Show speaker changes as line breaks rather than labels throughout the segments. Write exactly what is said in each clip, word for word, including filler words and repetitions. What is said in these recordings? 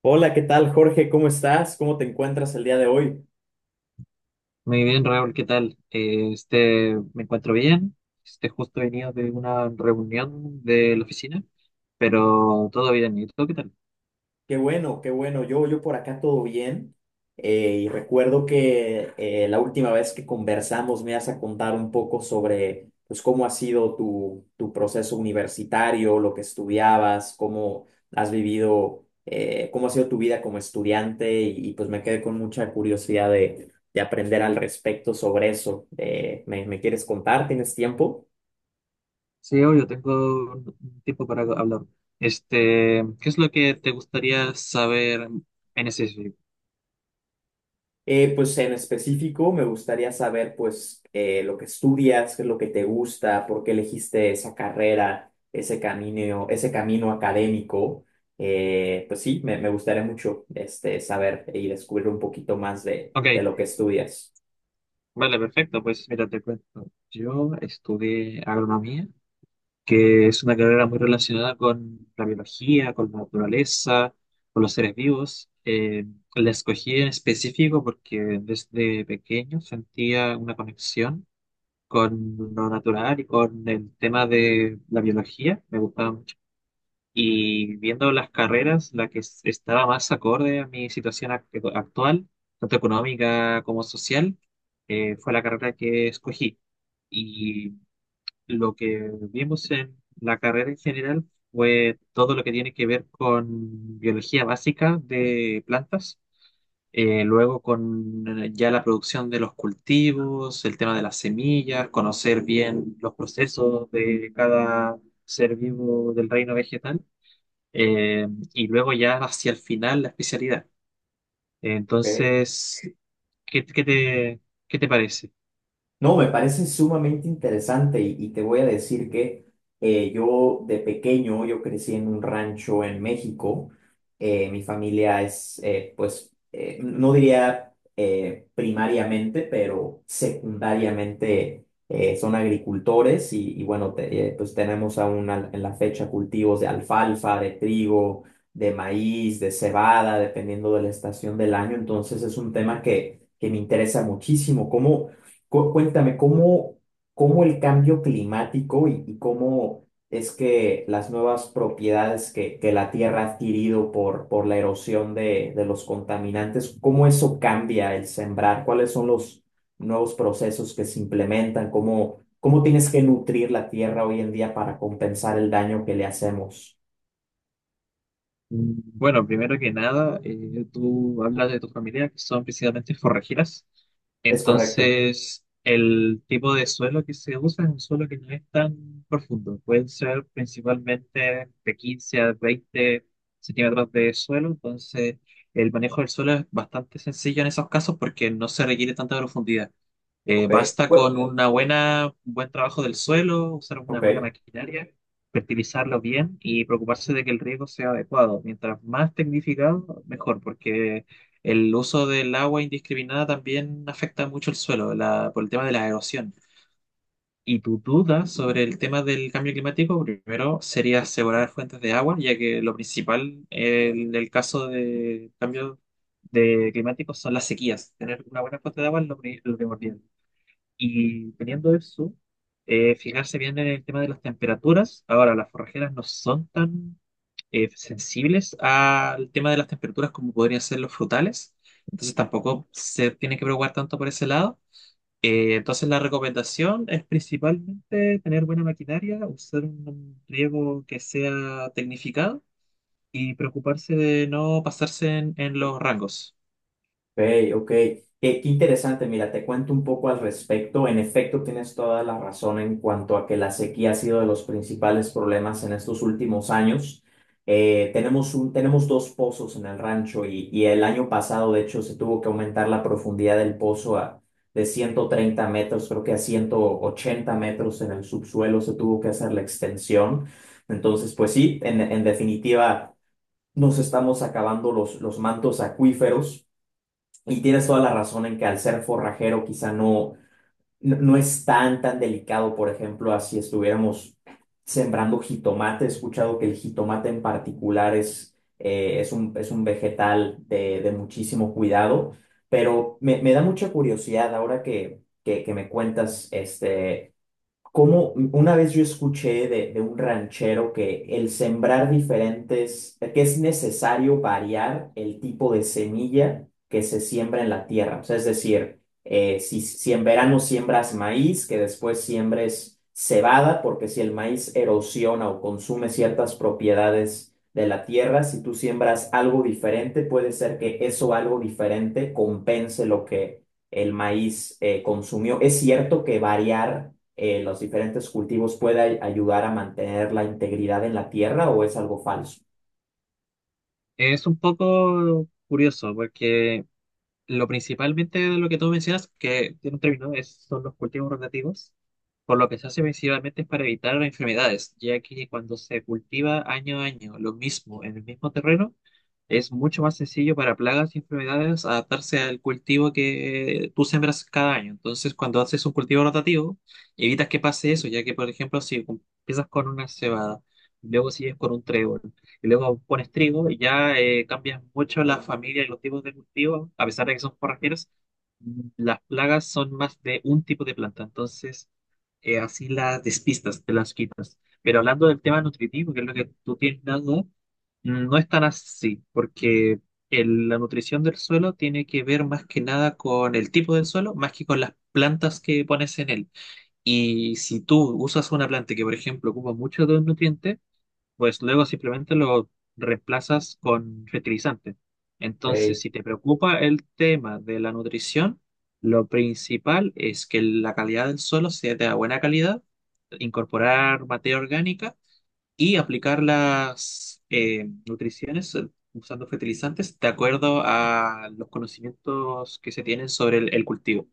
Hola, ¿qué tal, Jorge? ¿Cómo estás? ¿Cómo te encuentras el día de hoy?
Muy bien, Raúl, ¿qué tal? Eh, este, me encuentro bien. Este, justo he venido de una reunión de la oficina, pero todo bien. ¿Y tú qué tal?
Qué bueno, qué bueno. Yo, yo por acá todo bien. Eh, y recuerdo que eh, la última vez que conversamos me ibas a contar un poco sobre pues, cómo ha sido tu, tu proceso universitario, lo que estudiabas, cómo has vivido, eh, cómo ha sido tu vida como estudiante y, y, pues me quedé con mucha curiosidad de, de aprender al respecto sobre eso. Eh, ¿me, me quieres contar? ¿Tienes tiempo?
Sí, obvio, tengo un un tiempo para hablar. Este, ¿qué es lo que te gustaría saber en ese sitio?
Eh, pues en específico me gustaría saber pues eh, lo que estudias, qué es lo que te gusta, por qué elegiste esa carrera, ese camino, ese camino académico. Eh, pues sí, me, me gustaría mucho este, saber y descubrir un poquito más de,
Ok,
de lo que estudias.
vale, perfecto. Pues mira, te cuento. Yo estudié agronomía, que es una carrera muy relacionada con la biología, con la naturaleza, con los seres vivos. Eh, la escogí en específico porque desde pequeño sentía una conexión con lo natural, y con el tema de la biología, me gustaba mucho. Y viendo las carreras, la que es- estaba más acorde a mi situación ac- actual, tanto económica como social, eh, fue la carrera que escogí. Lo que vimos en la carrera en general fue todo lo que tiene que ver con biología básica de plantas, eh, luego con eh, ya la producción de los cultivos, el tema de las semillas, conocer bien los procesos de cada ser vivo del reino vegetal, eh, y luego ya hacia el final la especialidad.
Ok.
Entonces, ¿qué, qué te, ¿qué te parece?
No, me parece sumamente interesante y, y te voy a decir que eh, yo de pequeño, yo crecí en un rancho en México. Eh, mi familia es, eh, pues, eh, no diría eh, primariamente, pero secundariamente eh, son agricultores y, y bueno, te- eh, pues tenemos aún al- en la fecha cultivos de alfalfa, de trigo, de maíz, de cebada, dependiendo de la estación del año. Entonces es un tema que, que me interesa muchísimo. ¿Cómo? Cu- Cuéntame, ¿cómo, cómo el cambio climático y, y cómo es que las nuevas propiedades que, que la Tierra ha adquirido por, por la erosión de, de los contaminantes, cómo eso cambia el sembrar? ¿Cuáles son los nuevos procesos que se implementan? ¿Cómo, cómo tienes que nutrir la Tierra hoy en día para compensar el daño que le hacemos?
Mm, bueno, primero que nada, eh, tú hablas de tu familia, que son principalmente forrajeras.
¿Es correcto?
Entonces, el tipo de suelo que se usa es un suelo que no es tan profundo. Pueden ser principalmente de quince a veinte centímetros de suelo. Entonces, el manejo del suelo es bastante sencillo en esos casos porque no se requiere tanta profundidad. Eh,
Ok.
basta
Pues,
con una buena, un buen trabajo del suelo, usar una
ok.
buena maquinaria, fertilizarlo bien y preocuparse de que el riego sea adecuado. Mientras más tecnificado, mejor, porque el uso del agua indiscriminada también afecta mucho el suelo la- por el tema de la erosión. Y tu duda sobre el tema del cambio climático, primero sería asegurar fuentes de agua, ya que lo principal, eh, en el caso de cambio de climático, son las sequías. Tener una buena fuente de agua es lo pri- lo primordial. Y teniendo eso, eh, fijarse bien en el tema de las temperaturas. Ahora, las forrajeras no son tan eh, sensibles al tema de las temperaturas como podrían ser los frutales, entonces tampoco se tiene que preocupar tanto por ese lado. Eh, entonces la recomendación es principalmente tener buena maquinaria, usar un riego que sea tecnificado y preocuparse de no pasarse en, en los rangos.
Ok, ok. Eh, qué interesante, mira, te cuento un poco al respecto. En efecto, tienes toda la razón en cuanto a que la sequía ha sido de los principales problemas en estos últimos años. Eh, tenemos un, tenemos dos pozos en el rancho y, y el año pasado, de hecho, se tuvo que aumentar la profundidad del pozo a, de ciento treinta metros, creo que a ciento ochenta metros en el subsuelo se tuvo que hacer la extensión. Entonces, pues sí, en, en definitiva, nos estamos acabando los, los mantos acuíferos. Y tienes toda la razón en que al ser forrajero quizá no, no, no es tan, tan delicado, por ejemplo, así estuviéramos sembrando jitomate. He escuchado que el jitomate en particular es, eh, es un, es un vegetal de, de muchísimo cuidado, pero me, me da mucha curiosidad ahora que, que, que me cuentas este, como una vez yo escuché de, de un ranchero que el sembrar diferentes, que es necesario variar el tipo de semilla que se siembra en la tierra. O sea, es decir, eh, si, si en verano siembras maíz, que después siembres cebada, porque si el maíz erosiona o consume ciertas propiedades de la tierra, si tú siembras algo diferente, puede ser que eso algo diferente compense lo que el maíz eh, consumió. ¿Es cierto que variar eh, los diferentes cultivos pueda ayudar a mantener la integridad en la tierra o es algo falso?
Es un poco curioso porque lo principalmente de lo que tú mencionas, que tiene un término, es, son los cultivos rotativos, por lo que se hace principalmente es para evitar enfermedades, ya que cuando se cultiva año a año lo mismo en el mismo terreno, es mucho más sencillo para plagas y enfermedades adaptarse al cultivo que tú sembras cada año. Entonces, cuando haces un cultivo rotativo, evitas que pase eso, ya que, por ejemplo, si empiezas con una cebada, luego sigues con un trébol, y luego pones trigo, y ya eh, cambias mucho la familia y los tipos de cultivo, a pesar de que son forrajeros, las plagas son más de un tipo de planta. Entonces, eh, así las despistas, te las quitas. Pero hablando del tema nutritivo, que es lo que tú tienes dado, no es tan así, porque el- la nutrición del suelo tiene que ver más que nada con el tipo del suelo, más que con las plantas que pones en él. Y si tú usas una planta que, por ejemplo, ocupa mucho de un nutriente, pues luego simplemente lo reemplazas con fertilizante. Entonces,
Ok.
si te preocupa el tema de la nutrición, lo principal es que la calidad del suelo sea de buena calidad, incorporar materia orgánica y aplicar las eh, nutriciones eh, usando fertilizantes de acuerdo a los conocimientos que se tienen sobre el, el cultivo.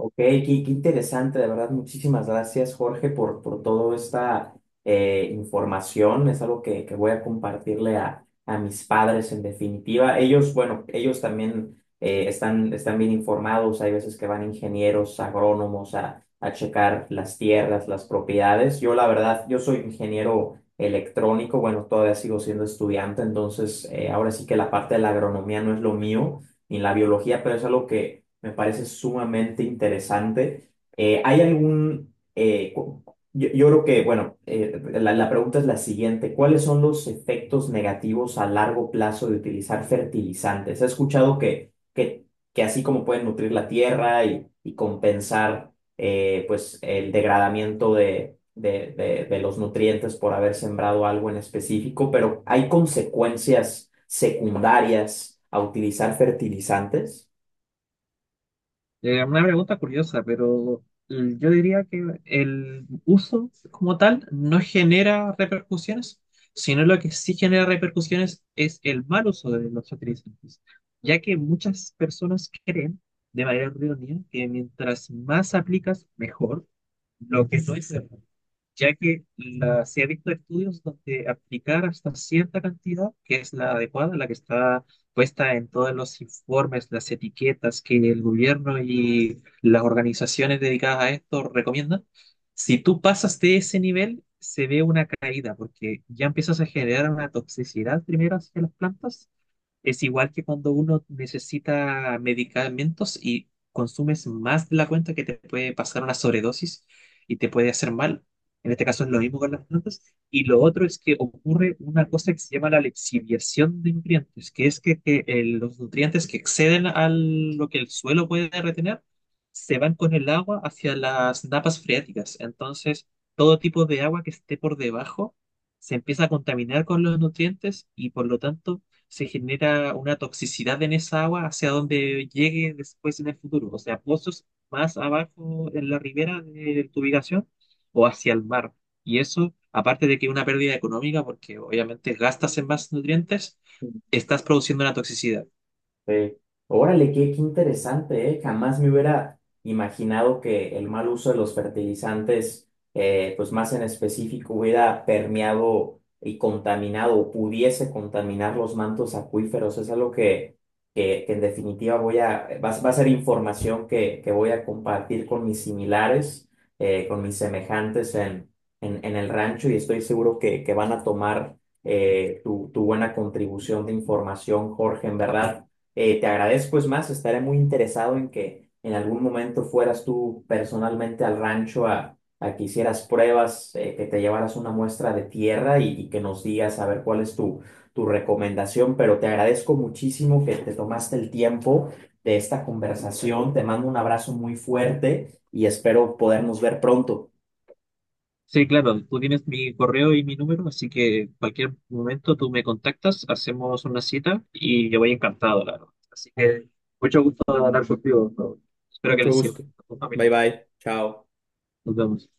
Ok, qué, qué interesante, de verdad. Muchísimas gracias, Jorge, por, por toda esta eh, información. Es algo que, que voy a compartirle a, a mis padres, en definitiva. Ellos, bueno, ellos también eh, están, están bien informados. Hay veces que van ingenieros, agrónomos a, a checar las tierras, las propiedades. Yo, la verdad, yo soy ingeniero electrónico. Bueno, todavía sigo siendo estudiante, entonces eh, ahora sí que la parte de la agronomía no es lo mío, ni la biología, pero es algo que me parece sumamente interesante. Eh, ¿hay algún... eh, cu- yo, yo creo que, bueno, eh, la, la pregunta es la siguiente. ¿Cuáles son los efectos negativos a largo plazo de utilizar fertilizantes? He escuchado que, que, que así como pueden nutrir la tierra y, y compensar eh, pues, el degradamiento de, de, de, de los nutrientes por haber sembrado algo en específico, pero ¿hay consecuencias secundarias a utilizar fertilizantes?
Eh, una pregunta curiosa, pero mm, yo diría que el uso como tal no genera repercusiones, sino lo que sí genera repercusiones es el mal uso de los fertilizantes, ya que muchas personas creen de manera errónea que mientras más aplicas, mejor. Lo que no es cierto. Ya que la- se ha visto estudios donde aplicar hasta cierta cantidad, que es la adecuada, la que está puesta en todos los informes, las etiquetas que el gobierno y las organizaciones dedicadas a esto recomiendan, si tú pasas de ese nivel, se ve una caída, porque ya empiezas a generar una toxicidad primero hacia las plantas. Es igual que cuando uno necesita medicamentos y consumes más de la cuenta, que te puede pasar una sobredosis y te puede hacer mal. En este caso es lo mismo con las plantas. Y lo otro es que ocurre una cosa que se llama la lixiviación de nutrientes, que es que, que, eh, los nutrientes que exceden a lo que el suelo puede retener se van con el agua hacia las napas freáticas. Entonces, todo tipo de agua que esté por debajo se empieza a contaminar con los nutrientes, y por lo tanto se genera una toxicidad en esa agua hacia donde llegue después en el futuro, o sea, pozos más abajo en la ribera de tu ubicación o hacia el mar. Y eso, aparte de que una pérdida económica, porque obviamente gastas en más nutrientes, estás produciendo una toxicidad.
Sí. Órale, qué, qué interesante, ¿eh? Jamás me hubiera imaginado que el mal uso de los fertilizantes, eh, pues más en específico, hubiera permeado y contaminado o pudiese contaminar los mantos acuíferos. Es algo que, que, que en definitiva voy a, va, a va a ser información que, que voy a compartir con mis similares, eh, con mis semejantes en, en, en el rancho y estoy seguro que, que van a tomar eh, tu, tu buena contribución de información, Jorge, en verdad. Eh, te agradezco, es más, estaré muy interesado en que en algún momento fueras tú personalmente al rancho a, a que hicieras pruebas, eh, que te llevaras una muestra de tierra y, y que nos digas a ver cuál es tu, tu recomendación, pero te agradezco muchísimo que te tomaste el tiempo de esta conversación, te mando un abrazo muy fuerte y espero podernos ver pronto.
Sí, claro, tú tienes mi correo y mi número, así que cualquier momento tú me contactas, hacemos una cita y yo voy encantado, claro. Así que mucho gusto de hablar contigo, Raúl. Espero que
Mucho
les sirva
gusto.
a tu familia.
Bye bye. Chao.
Nos vemos.